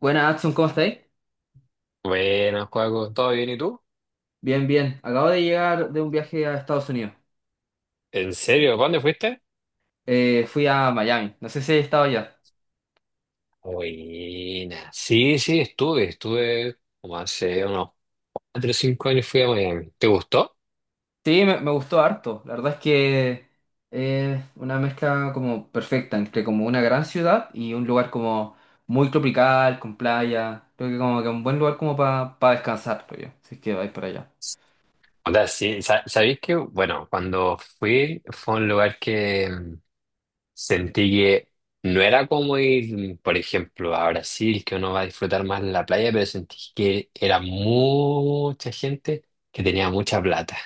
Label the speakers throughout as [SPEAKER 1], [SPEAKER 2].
[SPEAKER 1] Buenas, Adson, ¿cómo estáis?
[SPEAKER 2] Buenas, Juaco, ¿todo bien y tú?
[SPEAKER 1] Bien, bien. Acabo de llegar de un viaje a Estados Unidos.
[SPEAKER 2] ¿En serio? ¿Para dónde fuiste?
[SPEAKER 1] Fui a Miami. No sé si he estado allá.
[SPEAKER 2] Buena. Sí, sí, estuve como hace unos 4 o 5 años fui a Miami. ¿Te gustó?
[SPEAKER 1] Sí, me gustó harto. La verdad es que es una mezcla como perfecta entre como una gran ciudad y un lugar como muy tropical, con playa. Creo que como que un buen lugar como para descansar, creo yo. Si es que vais para allá.
[SPEAKER 2] O sea, sí, sabéis que, bueno, cuando fui fue un lugar que sentí que no era como ir, por ejemplo, a Brasil, que uno va a disfrutar más en la playa, pero sentí que era mucha gente que tenía mucha plata,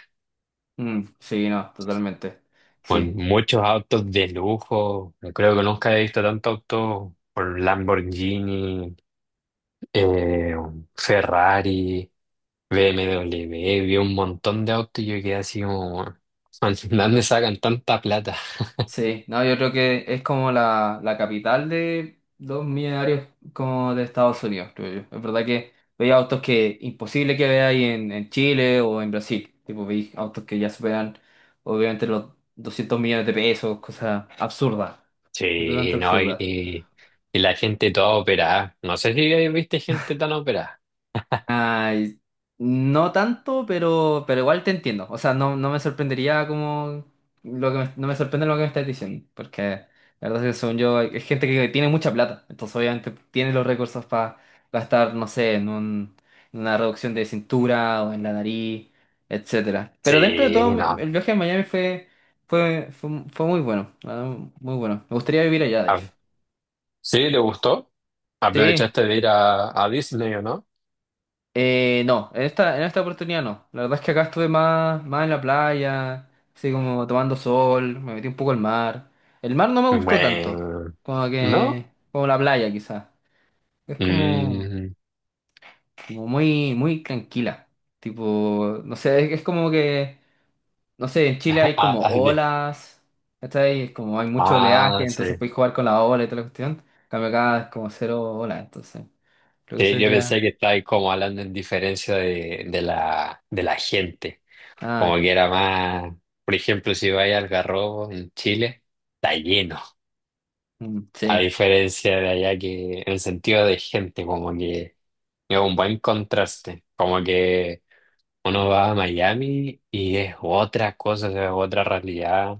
[SPEAKER 1] Mm, sí, no, totalmente.
[SPEAKER 2] con
[SPEAKER 1] Sí.
[SPEAKER 2] muchos autos de lujo. No creo que nunca he visto tanto auto, por Lamborghini, eh, Ferrari, BMW. Vi un montón de autos y yo quedé así como, "Man, ¿de ¿dónde sacan tanta plata?"
[SPEAKER 1] Sí, no, yo creo que es como la capital de los millonarios como de Estados Unidos, creo yo. Es verdad que veía autos que imposible que veáis en Chile o en Brasil. Tipo, veis autos que ya superan obviamente los 200 millones de pesos, cosas absurdas, absolutamente
[SPEAKER 2] Sí, no,
[SPEAKER 1] absurdas.
[SPEAKER 2] y la gente toda operada. No sé si ahí viste gente tan operada.
[SPEAKER 1] Ay, no tanto, pero igual te entiendo. O sea, no, no me sorprendería como lo que no me sorprende lo que me estás diciendo, porque la verdad es que según yo, es gente que tiene mucha plata, entonces obviamente tiene los recursos para gastar, no sé, en una reducción de cintura o en la nariz, etcétera. Pero
[SPEAKER 2] Sí,
[SPEAKER 1] dentro de todo,
[SPEAKER 2] no.
[SPEAKER 1] el viaje a Miami fue muy bueno, la verdad, muy bueno. Me gustaría vivir allá, de hecho.
[SPEAKER 2] Ah, ¿sí? ¿Te gustó?
[SPEAKER 1] Sí.
[SPEAKER 2] ¿Aprovechaste de ir a, Disney o no?
[SPEAKER 1] No, en esta oportunidad no. La verdad es que acá estuve más en la playa, así como tomando sol, me metí un poco al mar. El mar no me gustó tanto,
[SPEAKER 2] Bueno,
[SPEAKER 1] como
[SPEAKER 2] ¿no?
[SPEAKER 1] que, como la playa quizás. Es como,
[SPEAKER 2] Mm.
[SPEAKER 1] como muy, muy tranquila. Tipo, no sé, es como que, no sé, en Chile hay
[SPEAKER 2] Ah,
[SPEAKER 1] como
[SPEAKER 2] ah,
[SPEAKER 1] olas, ¿cachai? Es como hay mucho oleaje, entonces
[SPEAKER 2] sí.
[SPEAKER 1] podéis jugar con la ola y toda la cuestión. En cambio acá es como cero olas, entonces. Creo que eso
[SPEAKER 2] Sí, yo
[SPEAKER 1] sería.
[SPEAKER 2] pensé que estabas como hablando en diferencia de la gente. Como
[SPEAKER 1] Ah,
[SPEAKER 2] que era más, por ejemplo, si vais al Garrobo en Chile, está lleno.
[SPEAKER 1] mm,
[SPEAKER 2] A
[SPEAKER 1] sí.
[SPEAKER 2] diferencia de allá, que en sentido de gente, como que es un buen contraste. Como que uno va a Miami y es otra cosa, es otra realidad.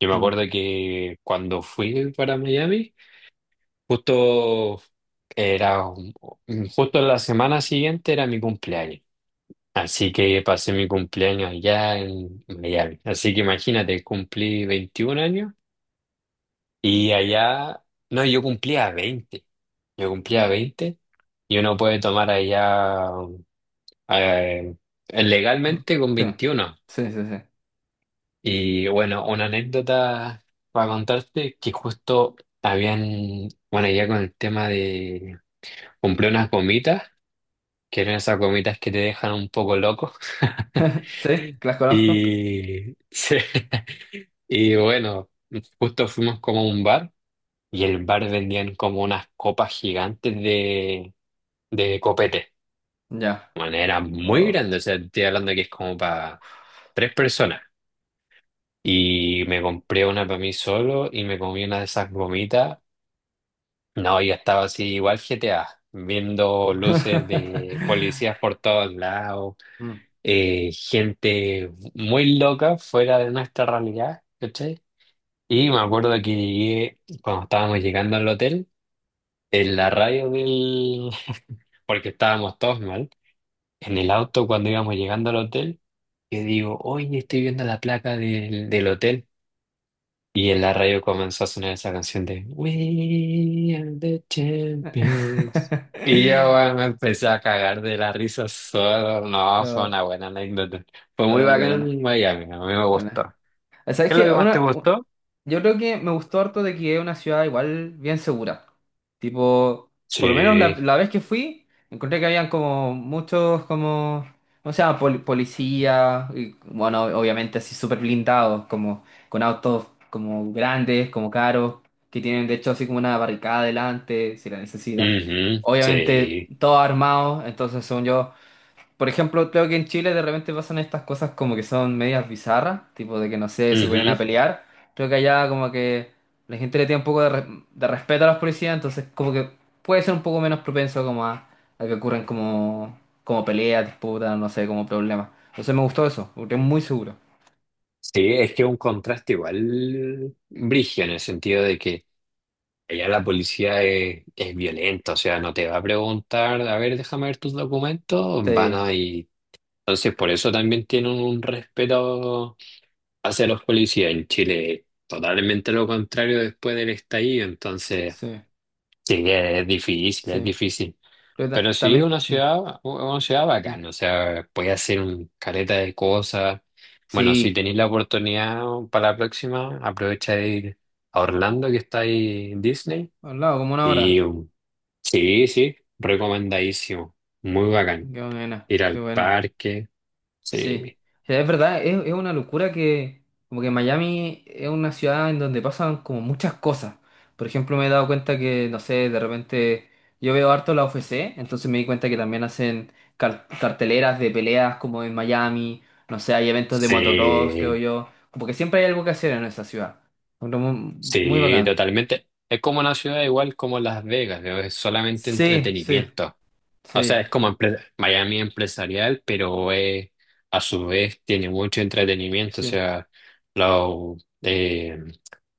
[SPEAKER 2] Yo me
[SPEAKER 1] Mm.
[SPEAKER 2] acuerdo que cuando fui para Miami, justo era justo la semana siguiente era mi cumpleaños. Así que pasé mi cumpleaños allá en Miami. Así que imagínate, cumplí 21 años y allá, no, yo cumplía veinte. Y uno puede tomar allá eh,
[SPEAKER 1] Sí,
[SPEAKER 2] legalmente con 21.
[SPEAKER 1] sí, sí, sí.
[SPEAKER 2] Y bueno, una anécdota para contarte que justo habían, bueno, ya con el tema de, compré unas gomitas que eran esas gomitas que te dejan un poco loco.
[SPEAKER 1] ¿Sí? ¿Que las conozco?
[SPEAKER 2] Y, sí. Y bueno, justo fuimos como a un bar y el bar vendían como unas copas gigantes de copete.
[SPEAKER 1] Ya.
[SPEAKER 2] Bueno, era muy
[SPEAKER 1] Oh.
[SPEAKER 2] grande, o sea, estoy hablando que es como para tres personas. Y me compré una para mí solo y me comí una de esas gomitas. No, yo estaba así igual GTA, viendo luces de policías por todos lados.
[SPEAKER 1] Mm.
[SPEAKER 2] Gente muy loca fuera de nuestra realidad, ¿cachai? Y me acuerdo que llegué, cuando estábamos llegando al hotel, en la radio del... porque estábamos todos mal, en el auto cuando íbamos llegando al hotel, que digo, oye, estoy viendo la placa del hotel. Y en la radio comenzó a sonar esa canción de We are the champions. Y yo, bueno, me empecé a cagar de la risa solo. No, fue
[SPEAKER 1] No,
[SPEAKER 2] una buena anécdota. Fue muy
[SPEAKER 1] no, qué
[SPEAKER 2] bacán
[SPEAKER 1] buena.
[SPEAKER 2] en Miami, a mí me gustó.
[SPEAKER 1] Buena. ¿Sabes
[SPEAKER 2] ¿Qué es lo que
[SPEAKER 1] qué?
[SPEAKER 2] más te gustó?
[SPEAKER 1] Yo creo que me gustó harto de que es una ciudad igual bien segura. Tipo, por lo menos la,
[SPEAKER 2] Sí,
[SPEAKER 1] la vez que fui, encontré que habían como muchos como, o sea, policías, y bueno, obviamente así súper blindados, como con autos como grandes, como caros, que tienen de hecho así como una barricada delante, si la necesitan.
[SPEAKER 2] ujú,
[SPEAKER 1] Obviamente
[SPEAKER 2] sí,
[SPEAKER 1] todos armados, entonces según yo por ejemplo, creo que en Chile de repente pasan estas cosas como que son medias bizarras, tipo de que no sé, se ponen a
[SPEAKER 2] ujú.
[SPEAKER 1] pelear. Creo que allá como que la gente le tiene un poco de respeto a los policías, entonces como que puede ser un poco menos propenso como a que ocurran como peleas, disputas, no sé, como problemas. Entonces me gustó eso, porque es muy seguro.
[SPEAKER 2] Sí, es que un contraste igual brígido en el sentido de que allá la policía es violenta, o sea, no te va a preguntar, a ver, déjame ver tus documentos, van
[SPEAKER 1] Sí,
[SPEAKER 2] a. Entonces, por eso también tienen un respeto hacia los policías en Chile, totalmente lo contrario después del estallido. Entonces,
[SPEAKER 1] sí,
[SPEAKER 2] sí, que es difícil, es
[SPEAKER 1] sí.
[SPEAKER 2] difícil.
[SPEAKER 1] Creo que
[SPEAKER 2] Pero sí, es
[SPEAKER 1] también. Mm,
[SPEAKER 2] una ciudad
[SPEAKER 1] mm.
[SPEAKER 2] bacana, o sea, puedes hacer un careta de cosas. Bueno, si
[SPEAKER 1] Sí,
[SPEAKER 2] tenéis la oportunidad para la próxima, aprovecha de ir a Orlando, que está ahí en Disney.
[SPEAKER 1] al lado, como una
[SPEAKER 2] Y
[SPEAKER 1] hora.
[SPEAKER 2] sí, sí, recomendadísimo, muy bacán.
[SPEAKER 1] Qué buena,
[SPEAKER 2] Ir
[SPEAKER 1] qué
[SPEAKER 2] al
[SPEAKER 1] buena.
[SPEAKER 2] parque,
[SPEAKER 1] Sí.
[SPEAKER 2] sí.
[SPEAKER 1] O sea, es verdad, es una locura que como que Miami es una ciudad en donde pasan como muchas cosas. Por ejemplo, me he dado cuenta que, no sé, de repente yo veo harto la UFC, entonces me di cuenta que también hacen carteleras de peleas como en Miami, no sé, hay eventos de motocross, creo
[SPEAKER 2] Sí,
[SPEAKER 1] yo, como que siempre hay algo que hacer en esa ciudad. Bueno, muy, muy
[SPEAKER 2] sí,
[SPEAKER 1] bacán.
[SPEAKER 2] totalmente. Es como una ciudad igual como Las Vegas, ¿no? Es solamente
[SPEAKER 1] Sí, sí,
[SPEAKER 2] entretenimiento. O sea, es
[SPEAKER 1] sí,
[SPEAKER 2] como empre- Miami empresarial, pero a su vez tiene mucho entretenimiento. O
[SPEAKER 1] sí,
[SPEAKER 2] sea, lo- eh,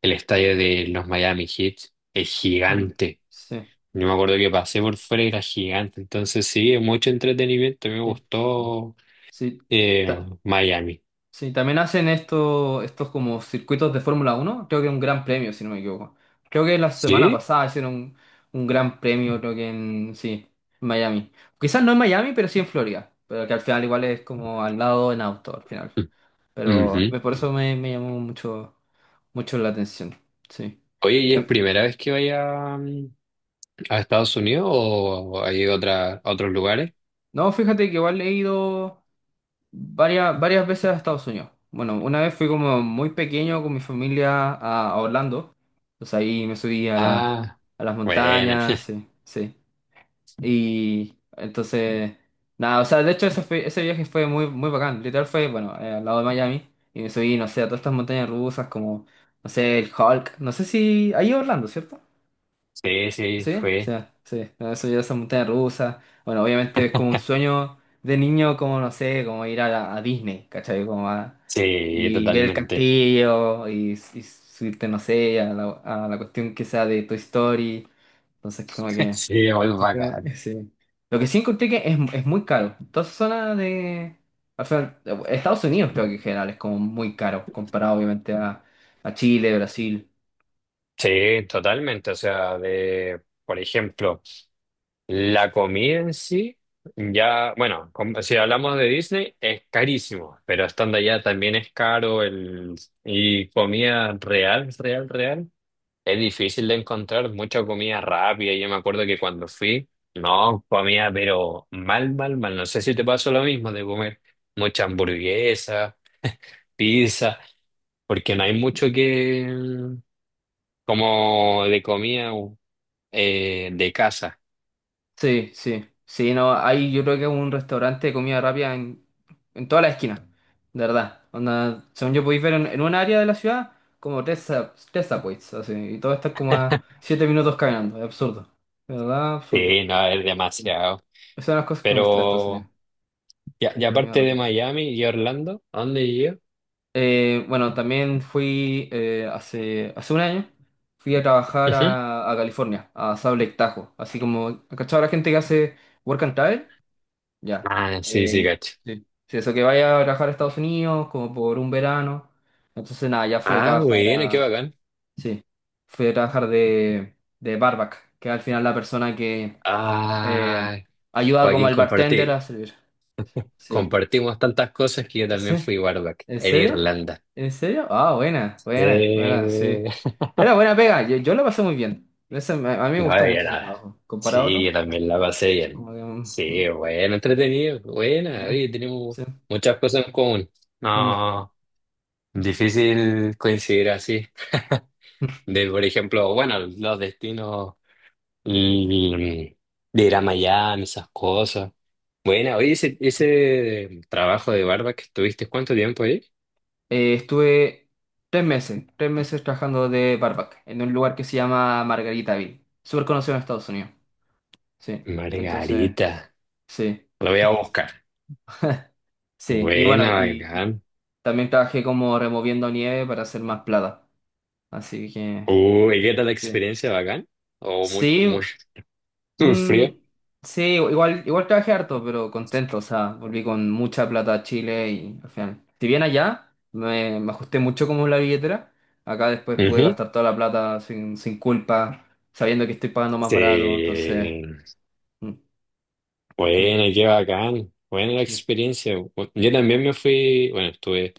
[SPEAKER 2] el estadio de los Miami Heat es
[SPEAKER 1] mm,
[SPEAKER 2] gigante.
[SPEAKER 1] sí,
[SPEAKER 2] Yo me acuerdo que pasé por fuera y era gigante. Entonces sí, es mucho entretenimiento. Me
[SPEAKER 1] sí,
[SPEAKER 2] gustó
[SPEAKER 1] sí.
[SPEAKER 2] eh,
[SPEAKER 1] Ta-
[SPEAKER 2] Miami.
[SPEAKER 1] Sí, también hacen esto, estos como circuitos de Fórmula Uno. Creo que un gran premio, si no me equivoco. Creo que la semana
[SPEAKER 2] Sí.
[SPEAKER 1] pasada hicieron un gran premio, creo que en, sí, en Miami. Quizás no en Miami, pero sí en Florida, pero que al final igual es como al lado en auto, al final.
[SPEAKER 2] Mm,
[SPEAKER 1] Pero por
[SPEAKER 2] ujú.
[SPEAKER 1] eso me llamó mucho, mucho la atención, sí.
[SPEAKER 2] Oye, ¿y es
[SPEAKER 1] Em,
[SPEAKER 2] primera vez que vaya? ¿A Estados Unidos o hay otra, a otros lugares?
[SPEAKER 1] No, fíjate que igual he ido, varias veces a Estados Unidos. Bueno, una vez fui como muy pequeño con mi familia a Orlando. Entonces ahí me subí a la,
[SPEAKER 2] Ah,
[SPEAKER 1] a las
[SPEAKER 2] bueno,
[SPEAKER 1] montañas, sí, sí. Y entonces, nada, o sea, de hecho ese viaje fue muy, muy bacán. Literal fue, bueno, al lado de Miami. Y me subí, no sé, a todas estas montañas rusas como, no sé, el Hulk. No sé si. Ahí en Orlando, ¿cierto?
[SPEAKER 2] sí, sí,
[SPEAKER 1] Sí, sí,
[SPEAKER 2] fue.
[SPEAKER 1] sí. No, eso ya esa montaña rusa. Bueno, obviamente es como un sueño de niño, como no sé, como ir a Disney, ¿cachai?
[SPEAKER 2] Sí,
[SPEAKER 1] Y ver el
[SPEAKER 2] totalmente.
[SPEAKER 1] castillo y subirte, no sé, a la cuestión que sea de Toy Story. Entonces, como que.
[SPEAKER 2] Sí, muy
[SPEAKER 1] Se fue,
[SPEAKER 2] bacán.
[SPEAKER 1] sí. Lo que sí encontré que es muy caro. Toda esa zona de. O sea, Estados Unidos creo que en general es como muy caro, comparado obviamente a Chile, Brasil.
[SPEAKER 2] Sí, totalmente. O sea, de, por ejemplo, la comida en sí, ya, bueno, com- si hablamos de Disney, es carísimo, pero estando allá también es caro el, y comida real, real, real. Es difícil de encontrar mucha comida rápida. Yo me acuerdo que cuando fui, no comía, pero mal, mal, mal. No sé si te pasó lo mismo de comer mucha hamburguesa, pizza, porque no hay mucho que, como de comida de casa.
[SPEAKER 1] Sí, sí, sí, no, hay yo creo que es un restaurante de comida rápida en toda la esquina, de verdad. Onda, según yo podéis ver en un área de la ciudad, como tres subways, así, y todo está como a 7 minutos caminando, es absurdo, de verdad, absurdo.
[SPEAKER 2] Sí, no, es
[SPEAKER 1] Sí.
[SPEAKER 2] demasiado.
[SPEAKER 1] Esas son las cosas que me gustan de Estados Unidos,
[SPEAKER 2] Pero, ya a- y
[SPEAKER 1] la comida
[SPEAKER 2] aparte de
[SPEAKER 1] rápida.
[SPEAKER 2] Miami y Orlando, ¿a dónde yo?
[SPEAKER 1] Bueno, también fui hace un año, fui a trabajar
[SPEAKER 2] Ujú.
[SPEAKER 1] a California, a Salt Lake Tahoe, así como, ¿cachado la gente que hace work and travel? Ya.
[SPEAKER 2] Ah, sí,
[SPEAKER 1] Eh,
[SPEAKER 2] sí, cacho.
[SPEAKER 1] Sí. Sí, eso que vaya a trabajar a Estados Unidos como por un verano. Entonces, nada, ya fui a
[SPEAKER 2] Ah,
[SPEAKER 1] trabajar
[SPEAKER 2] bueno, qué
[SPEAKER 1] a.
[SPEAKER 2] bacán.
[SPEAKER 1] Sí, fui a trabajar de barback, que al final la persona que eh,
[SPEAKER 2] Ah,
[SPEAKER 1] ayuda como
[SPEAKER 2] Joaquín,
[SPEAKER 1] al bartender
[SPEAKER 2] compartí.
[SPEAKER 1] a servir. Sí.
[SPEAKER 2] Compartimos tantas cosas que yo
[SPEAKER 1] Sí.
[SPEAKER 2] también fui barback
[SPEAKER 1] ¿En
[SPEAKER 2] en
[SPEAKER 1] serio?
[SPEAKER 2] Irlanda.
[SPEAKER 1] ¿En serio? Ah, buena,
[SPEAKER 2] Sí.
[SPEAKER 1] buena, buena, sí. Era buena pega, yo la pasé muy bien. Ese a mí me
[SPEAKER 2] No
[SPEAKER 1] gustó
[SPEAKER 2] había
[SPEAKER 1] mucho ese
[SPEAKER 2] nada.
[SPEAKER 1] trabajo. Comparado a
[SPEAKER 2] Sí, yo
[SPEAKER 1] otro,
[SPEAKER 2] también la pasé bien.
[SPEAKER 1] como que, mm,
[SPEAKER 2] Sí,
[SPEAKER 1] mm,
[SPEAKER 2] bueno, entretenido,
[SPEAKER 1] sí,
[SPEAKER 2] buena. Oye, tenemos
[SPEAKER 1] sí.
[SPEAKER 2] muchas cosas en común.
[SPEAKER 1] Mm.
[SPEAKER 2] No, difícil coincidir así.
[SPEAKER 1] Mm.
[SPEAKER 2] De, por ejemplo, bueno, los destinos, mm, de ir a Miami, esas cosas. Bueno, oye, ese trabajo de barba que estuviste, ¿cuánto tiempo ahí?
[SPEAKER 1] Estuve tres meses trabajando de barback en un lugar que se llama Margaritaville. Súper conocido en Estados Unidos. Sí, entonces,
[SPEAKER 2] Margarita.
[SPEAKER 1] sí,
[SPEAKER 2] Lo voy a buscar.
[SPEAKER 1] sí. Y bueno,
[SPEAKER 2] Buena,
[SPEAKER 1] y
[SPEAKER 2] bacán.
[SPEAKER 1] también trabajé como removiendo nieve para hacer más plata. Así que,
[SPEAKER 2] Uy, ¿qué tal la
[SPEAKER 1] sí.
[SPEAKER 2] experiencia, bacán? O muy,
[SPEAKER 1] Sí,
[SPEAKER 2] muy, muy frío.
[SPEAKER 1] mm, sí, igual trabajé harto, pero contento, o sea, volví con mucha plata a Chile y al final, si bien allá me ajusté mucho como la billetera, acá después pude
[SPEAKER 2] Ujú.
[SPEAKER 1] gastar toda la plata sin culpa, sabiendo que estoy pagando más barato, entonces,
[SPEAKER 2] Sí.
[SPEAKER 1] mm, mm,
[SPEAKER 2] Bueno, qué bacán. Buena la
[SPEAKER 1] sí.
[SPEAKER 2] experiencia. Bu- Yo también me fui, bueno, estuve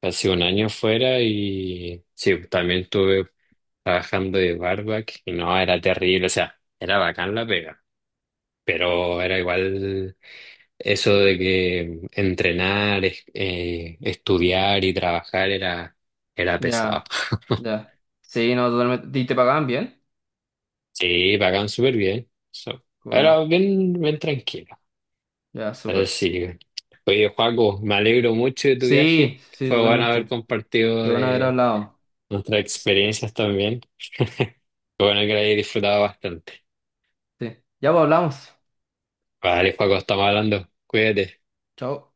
[SPEAKER 2] casi un año fuera y sí, también estuve trabajando de barback y no, era terrible, o sea, era bacán la pega, pero era igual eso de que entrenar, estudiar y trabajar era, era pesado.
[SPEAKER 1] Ya, ya. Sí, no, totalmente. ¿Y te pagaban bien?
[SPEAKER 2] Sí, pagan súper bien. So,
[SPEAKER 1] Bueno,
[SPEAKER 2] era bien, bien tranquila.
[SPEAKER 1] ya, súper.
[SPEAKER 2] Así que, oye, Joaco, me alegro mucho de tu
[SPEAKER 1] Sí,
[SPEAKER 2] viaje.
[SPEAKER 1] sí,
[SPEAKER 2] Fue bueno haber
[SPEAKER 1] totalmente.
[SPEAKER 2] compartido
[SPEAKER 1] Qué bueno haber
[SPEAKER 2] de
[SPEAKER 1] hablado.
[SPEAKER 2] nuestras experiencias también. Fue bueno que la hayas disfrutado bastante.
[SPEAKER 1] Sí, ya pues, hablamos.
[SPEAKER 2] Vale, Joaco, estamos hablando. Cuídate.
[SPEAKER 1] Chao.